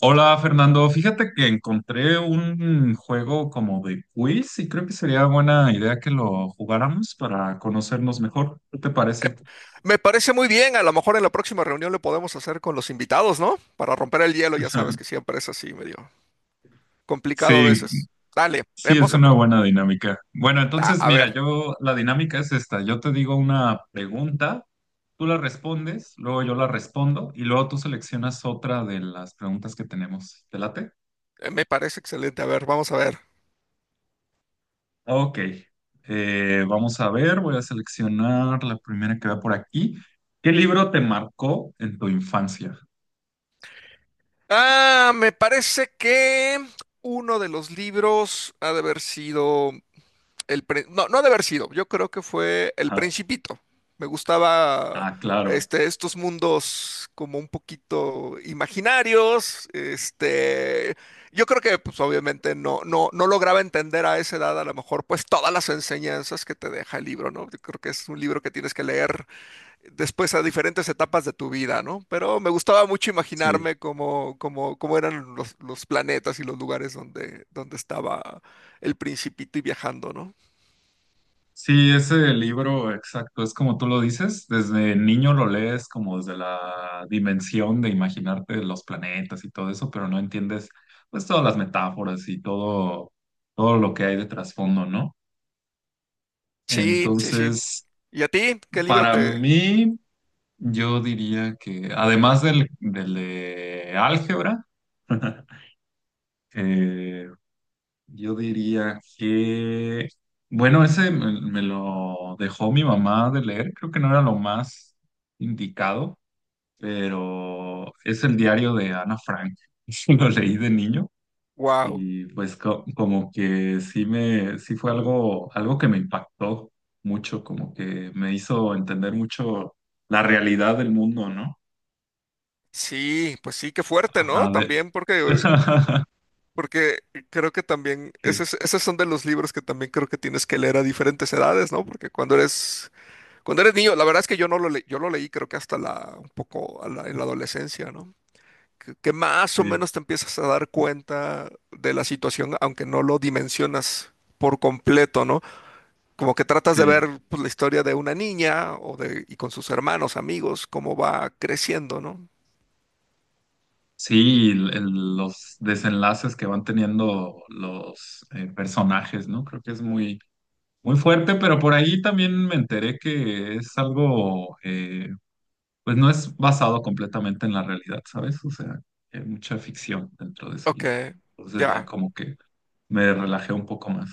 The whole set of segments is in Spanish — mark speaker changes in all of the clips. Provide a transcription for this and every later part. Speaker 1: Hola Fernando, fíjate que encontré un juego como de quiz y creo que sería buena idea que lo jugáramos para conocernos mejor. ¿Qué te parece?
Speaker 2: Me parece muy bien, a lo mejor en la próxima reunión lo podemos hacer con los invitados, ¿no? Para romper el hielo, ya sabes que siempre es así, medio complicado a
Speaker 1: Sí,
Speaker 2: veces. Dale,
Speaker 1: sí,
Speaker 2: vemos
Speaker 1: es una buena dinámica. Bueno,
Speaker 2: A,
Speaker 1: entonces
Speaker 2: a ver,
Speaker 1: mira, yo la dinámica es esta. Yo te digo una pregunta, tú la respondes, luego yo la respondo y luego tú seleccionas otra de las preguntas que tenemos. ¿Te late?
Speaker 2: me parece excelente, a ver, vamos a ver.
Speaker 1: Ok, vamos a ver, voy a seleccionar la primera que va por aquí. ¿Qué libro te marcó en tu infancia?
Speaker 2: Me parece que uno de los libros ha de haber sido... El pre- no, no ha de haber sido. Yo creo que fue El
Speaker 1: Ah,
Speaker 2: Principito. Me gustaba
Speaker 1: ah, claro,
Speaker 2: estos mundos como un poquito imaginarios. Yo creo que, pues, obviamente, no lograba entender a esa edad, a lo mejor, pues, todas las enseñanzas que te deja el libro, ¿no? Yo creo que es un libro que tienes que leer después a diferentes etapas de tu vida, ¿no? Pero me gustaba mucho
Speaker 1: sí.
Speaker 2: imaginarme cómo eran los planetas y los lugares donde estaba el Principito y viajando, ¿no?
Speaker 1: Sí, ese libro, exacto, es como tú lo dices, desde niño lo lees como desde la dimensión de imaginarte los planetas y todo eso, pero no entiendes pues todas las metáforas y todo, todo lo que hay de trasfondo, ¿no?
Speaker 2: Sí, sí, sí.
Speaker 1: Entonces,
Speaker 2: ¿Y a ti? ¿Qué libro
Speaker 1: para
Speaker 2: te...?
Speaker 1: mí... Yo diría que, además del de álgebra, eh, yo diría que, bueno, ese me lo dejó mi mamá de leer, creo que no era lo más indicado, pero es el diario de Ana Frank. Lo leí de niño
Speaker 2: Wow.
Speaker 1: y pues como que sí fue algo, algo que me impactó mucho, como que me hizo entender mucho la realidad del mundo, ¿no?
Speaker 2: Sí, pues sí, qué fuerte, ¿no?
Speaker 1: Ajá, de...
Speaker 2: También porque, porque creo que también,
Speaker 1: Sí,
Speaker 2: esos son de los libros que también creo que tienes que leer a diferentes edades, ¿no? Porque cuando eres niño, la verdad es que yo no lo leí, yo lo leí creo que un poco en la adolescencia, ¿no? Que más o
Speaker 1: sí,
Speaker 2: menos te empiezas a dar cuenta de la situación, aunque no lo dimensionas por completo, ¿no? Como que tratas de ver
Speaker 1: sí.
Speaker 2: pues, la historia de una niña y con sus hermanos, amigos, cómo va creciendo, ¿no?
Speaker 1: Sí, los desenlaces que van teniendo los personajes, ¿no? Creo que es muy, muy fuerte, pero por ahí también me enteré que es algo, pues no es basado completamente en la realidad, ¿sabes? O sea, hay mucha ficción dentro de ese
Speaker 2: Ok,
Speaker 1: libro. Entonces ya
Speaker 2: ya,
Speaker 1: como que me relajé un poco más.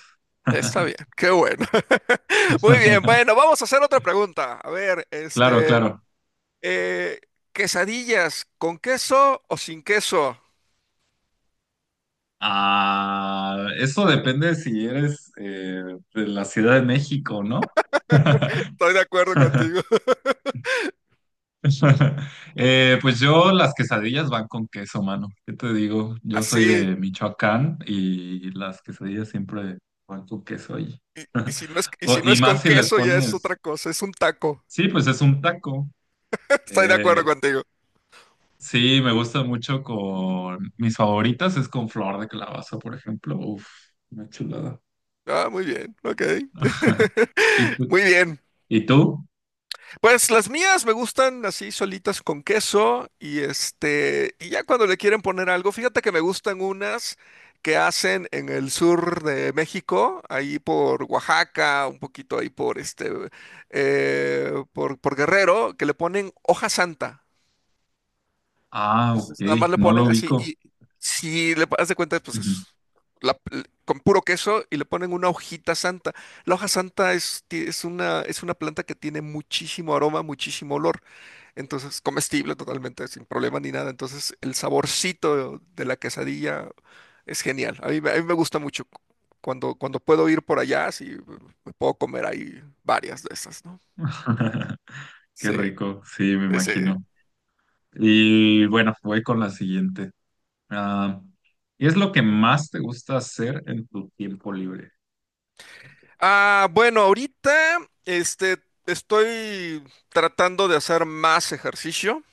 Speaker 2: está bien, qué bueno. Muy bien, bueno, vamos a hacer otra pregunta. A ver,
Speaker 1: Claro, claro.
Speaker 2: eh, quesadillas, ¿con queso o sin queso?
Speaker 1: Ah, eso depende si eres de la Ciudad de México, ¿no?
Speaker 2: Estoy de acuerdo contigo.
Speaker 1: Pues yo las quesadillas van con queso, mano. ¿Qué te digo? Yo soy
Speaker 2: Así,
Speaker 1: de Michoacán y las quesadillas siempre van con queso ahí.
Speaker 2: y
Speaker 1: O-
Speaker 2: si no
Speaker 1: y
Speaker 2: es con
Speaker 1: más si les
Speaker 2: queso, ya es otra
Speaker 1: pones,
Speaker 2: cosa, es un taco.
Speaker 1: sí, pues es un taco.
Speaker 2: Estoy de acuerdo
Speaker 1: Eh,
Speaker 2: contigo.
Speaker 1: sí, me gusta mucho con mis favoritas es con flor de calabaza, por ejemplo. Uf, una chulada.
Speaker 2: Ah, muy bien, ok.
Speaker 1: ¿Y tú?
Speaker 2: Muy bien.
Speaker 1: ¿Y tú?
Speaker 2: Pues las mías me gustan así solitas con queso y y ya cuando le quieren poner algo, fíjate que me gustan unas que hacen en el sur de México, ahí por Oaxaca, un poquito ahí por por Guerrero, que le ponen hoja santa.
Speaker 1: Ah, ok,
Speaker 2: Entonces nada más le
Speaker 1: no lo
Speaker 2: ponen así
Speaker 1: ubico.
Speaker 2: y si le das de cuenta, pues
Speaker 1: Ujú.
Speaker 2: es la- con puro queso y le ponen una hojita santa. La hoja santa es es una planta que tiene muchísimo aroma, muchísimo olor. Entonces, comestible totalmente, sin problema ni nada. Entonces, el saborcito de la quesadilla es genial. A mí me gusta mucho. Cuando puedo ir por allá, sí, me puedo comer ahí varias de esas, ¿no?
Speaker 1: Qué
Speaker 2: Sí,
Speaker 1: rico, sí, me
Speaker 2: sí, sí.
Speaker 1: imagino. Y bueno, voy con la siguiente. Ah, ¿qué es lo que más te gusta hacer en tu tiempo libre?
Speaker 2: Ah, bueno, ahorita, este, estoy tratando de hacer más ejercicio.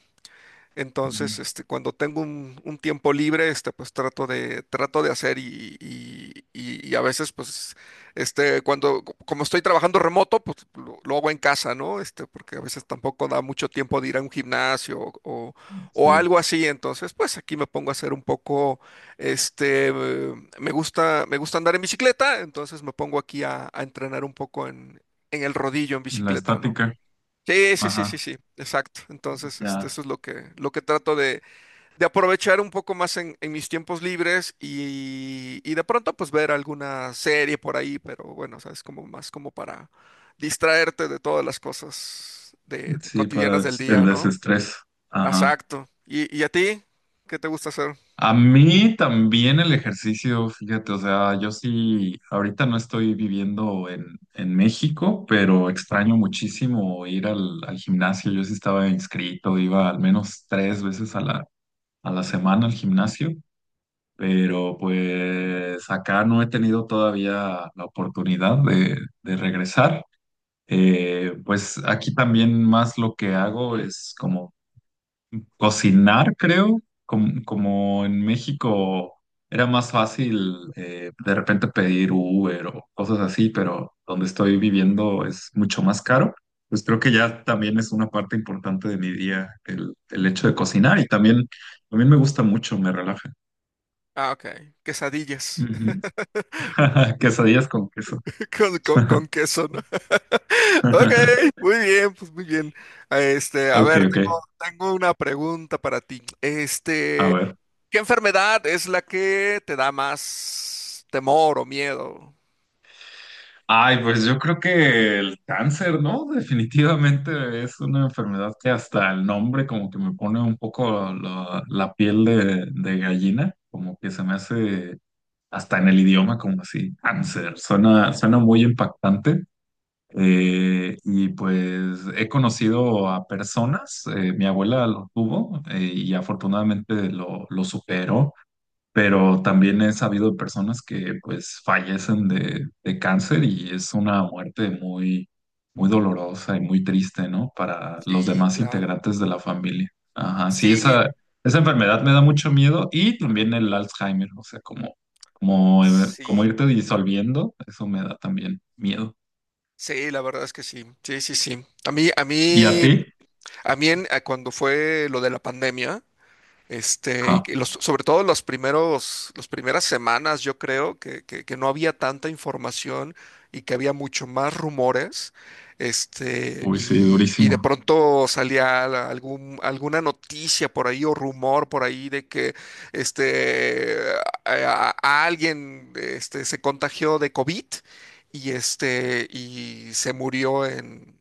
Speaker 1: Ujú.
Speaker 2: Entonces, cuando tengo un tiempo libre, pues trato de hacer y a veces, pues, como estoy trabajando remoto, pues lo hago en casa, ¿no? Porque a veces tampoco da mucho tiempo de ir a un gimnasio o
Speaker 1: Sí,
Speaker 2: algo así. Entonces, pues aquí me pongo a hacer un poco, este, eh, me gusta andar en bicicleta, entonces me pongo aquí a entrenar un poco en el rodillo en
Speaker 1: la
Speaker 2: bicicleta, ¿no?
Speaker 1: estática.
Speaker 2: Sí, sí, sí, sí,
Speaker 1: Ajá,
Speaker 2: sí, exacto. Entonces,
Speaker 1: ya.
Speaker 2: eso es lo que de aprovechar un poco más en mis tiempos libres y de pronto pues ver alguna serie por ahí, pero bueno, o sea, es como más como para distraerte de todas las cosas de
Speaker 1: Sí, para
Speaker 2: cotidianas del
Speaker 1: des- el
Speaker 2: día, ¿no?
Speaker 1: desestrés. Ajá.
Speaker 2: Exacto. ¿Y a ti? ¿Qué te gusta hacer?
Speaker 1: A mí también el ejercicio, fíjate, o sea, yo sí, ahorita no estoy viviendo en México, pero extraño muchísimo ir al gimnasio. Yo sí estaba inscrito, iba al menos tres veces a la semana al gimnasio, pero pues acá no he tenido todavía la oportunidad de regresar. Pues aquí también más lo que hago es como cocinar, creo, como en México era más fácil de repente pedir Uber o cosas así, pero donde estoy viviendo es mucho más caro. Pues creo que ya también es una parte importante de mi día el hecho de cocinar y también, también me gusta mucho, me relaja.
Speaker 2: Ah, ok. Quesadillas.
Speaker 1: Ujú. Quesadillas con queso.
Speaker 2: Con queso, ¿no? Ok, muy bien, pues muy bien. A
Speaker 1: Ok,
Speaker 2: ver,
Speaker 1: ok.
Speaker 2: tengo una pregunta para ti.
Speaker 1: A ver.
Speaker 2: ¿Qué enfermedad es la que te da más temor o miedo?
Speaker 1: Ay, pues yo creo que el cáncer, ¿no? Definitivamente es una enfermedad que hasta el nombre como que me pone un poco la piel de gallina, como que se me hace hasta en el idioma como así, cáncer, suena, suena muy impactante. Y pues he conocido a personas, mi abuela lo tuvo y afortunadamente lo superó, pero también he sabido de personas que pues fallecen de cáncer y es una muerte muy, muy dolorosa y muy triste, ¿no? Para los
Speaker 2: Sí,
Speaker 1: demás
Speaker 2: claro.
Speaker 1: integrantes de la familia. Ajá, sí,
Speaker 2: Sí,
Speaker 1: esa enfermedad me da mucho miedo y también el Alzheimer, o sea, como, como, como
Speaker 2: sí.
Speaker 1: irte disolviendo, eso me da también miedo.
Speaker 2: Sí, la verdad es que sí. Sí, sí, sí.
Speaker 1: ¿Y a ti?
Speaker 2: A cuando fue lo de la pandemia.
Speaker 1: Ajá,
Speaker 2: Y sobre todo los primeros, las primeras semanas, yo creo que, que no había tanta información y que había mucho más rumores.
Speaker 1: uy, sí,
Speaker 2: Y de
Speaker 1: durísimo.
Speaker 2: pronto salía alguna noticia por ahí o rumor por ahí de que este, a alguien se contagió de COVID y, y se murió en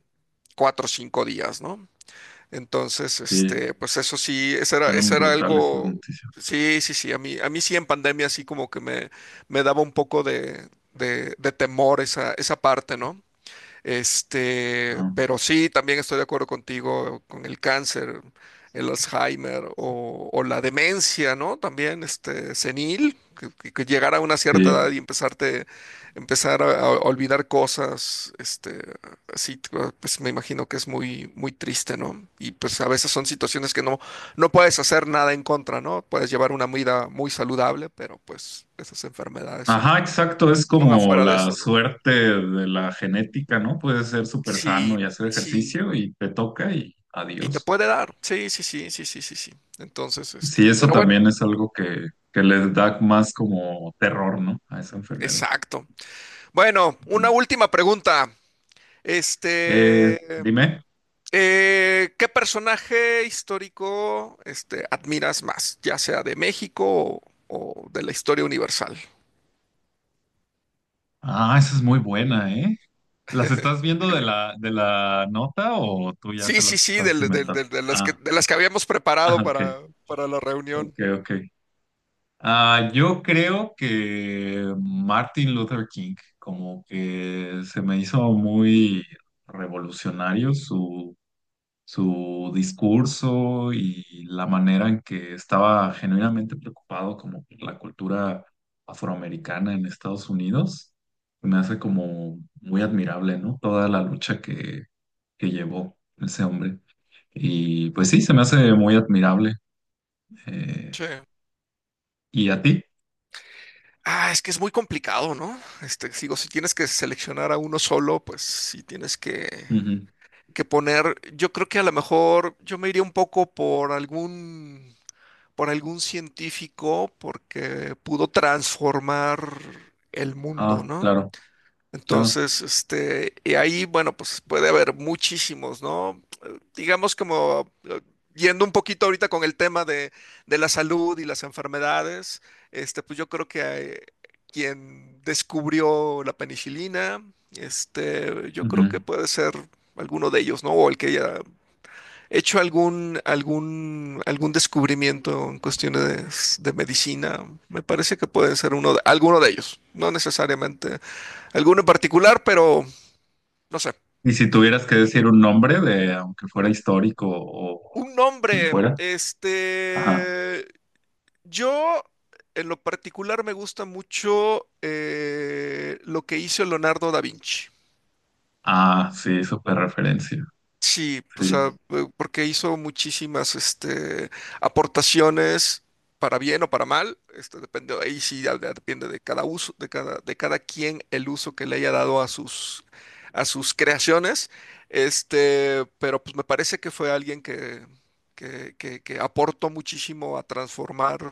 Speaker 2: 4 o 5 días, ¿no? Entonces,
Speaker 1: Sí,
Speaker 2: pues eso sí,
Speaker 1: fueron
Speaker 2: eso era
Speaker 1: brutales esas
Speaker 2: algo,
Speaker 1: noticias.
Speaker 2: sí, sí, sí, a mí sí en pandemia sí como que me daba un poco de temor esa, esa parte, ¿no?
Speaker 1: Ajá,
Speaker 2: Pero sí, también estoy de acuerdo contigo con el cáncer, el Alzheimer o la demencia, ¿no? También, senil, que, que llegar a una cierta
Speaker 1: sí.
Speaker 2: edad empezar a olvidar cosas, así, ah, pues me imagino que es muy, muy triste, ¿no? Y pues a veces son situaciones que no puedes hacer nada en contra, ¿no? Puedes llevar una vida muy saludable, pero pues esas enfermedades
Speaker 1: Ajá, exacto, es
Speaker 2: son
Speaker 1: como
Speaker 2: afuera de
Speaker 1: la
Speaker 2: eso, ¿no?
Speaker 1: suerte de la genética, ¿no? Puedes ser súper sano
Speaker 2: Sí,
Speaker 1: y hacer
Speaker 2: sí.
Speaker 1: ejercicio y te toca y
Speaker 2: Y te
Speaker 1: adiós.
Speaker 2: puede dar. Sí, sí, sí, sí, sí, sí, sí. Entonces,
Speaker 1: Sí, eso
Speaker 2: pero bueno,
Speaker 1: también es algo que les da más como terror, ¿no? A esa enfermedad.
Speaker 2: exacto. Bueno,
Speaker 1: Ujú.
Speaker 2: una última pregunta.
Speaker 1: Eh,
Speaker 2: Este,
Speaker 1: dime.
Speaker 2: ¿Qué personaje histórico, admiras más, ya sea de México o de la historia universal?
Speaker 1: Ah, esa es muy buena, ¿eh? ¿Las estás viendo de la nota o tú ya te
Speaker 2: Sí, sí,
Speaker 1: las
Speaker 2: sí,
Speaker 1: estás inventando? Ah,
Speaker 2: de las que habíamos
Speaker 1: ah,
Speaker 2: preparado
Speaker 1: ok,
Speaker 2: para la
Speaker 1: ok,
Speaker 2: reunión.
Speaker 1: ok. Ah, yo creo que Martin Luther King, como que se me hizo muy revolucionario su, su discurso y la manera en que estaba genuinamente preocupado como por la cultura afroamericana en Estados Unidos. Me hace como muy admirable, ¿no? Toda la lucha que llevó ese hombre. Y pues sí, se me hace muy admirable. Eh,
Speaker 2: Sí.
Speaker 1: ¿Y a ti?
Speaker 2: Ah, es que es muy complicado, ¿no? Si tienes que seleccionar a uno solo, pues sí tienes que
Speaker 1: Ujú.
Speaker 2: poner. Yo creo que a lo mejor yo me iría un poco por por algún científico porque pudo transformar el mundo,
Speaker 1: Ah,
Speaker 2: ¿no?
Speaker 1: claro. Claro.
Speaker 2: Entonces, Y ahí, bueno, pues puede haber muchísimos, ¿no? Digamos como Yendo un poquito ahorita con el tema de la salud y las enfermedades, pues yo creo que quien descubrió la penicilina, yo creo que
Speaker 1: Ujú.
Speaker 2: puede ser alguno de ellos, ¿no? O el que haya hecho algún descubrimiento en cuestiones de medicina, me parece que puede ser uno de, alguno de ellos, no necesariamente alguno en particular, pero no sé.
Speaker 1: Y si tuvieras que decir un nombre de, aunque fuera histórico o
Speaker 2: Un
Speaker 1: quien
Speaker 2: nombre,
Speaker 1: fuera. Ajá.
Speaker 2: yo en lo particular me gusta mucho lo que hizo Leonardo da Vinci.
Speaker 1: Ah, sí, súper referencia.
Speaker 2: Sí, o
Speaker 1: Sí,
Speaker 2: sea, porque hizo muchísimas aportaciones para bien o para mal, depende, ahí sí ya depende de cada uso, de cada quien el uso que le haya dado a a sus creaciones, pero pues me parece que fue alguien que aportó muchísimo a transformar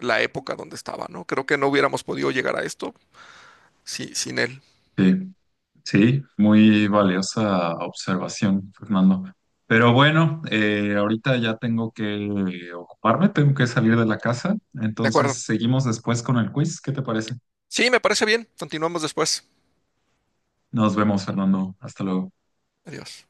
Speaker 2: la época donde estaba, ¿no? Creo que no hubiéramos podido llegar a esto sin él.
Speaker 1: sí. Sí, muy valiosa observación, Fernando. Pero bueno, ahorita ya tengo que ocuparme, tengo que salir de la casa.
Speaker 2: De acuerdo.
Speaker 1: Entonces seguimos después con el quiz. ¿Qué te parece?
Speaker 2: Sí, me parece bien. Continuamos después.
Speaker 1: Nos vemos, Fernando. Hasta luego.
Speaker 2: Adiós.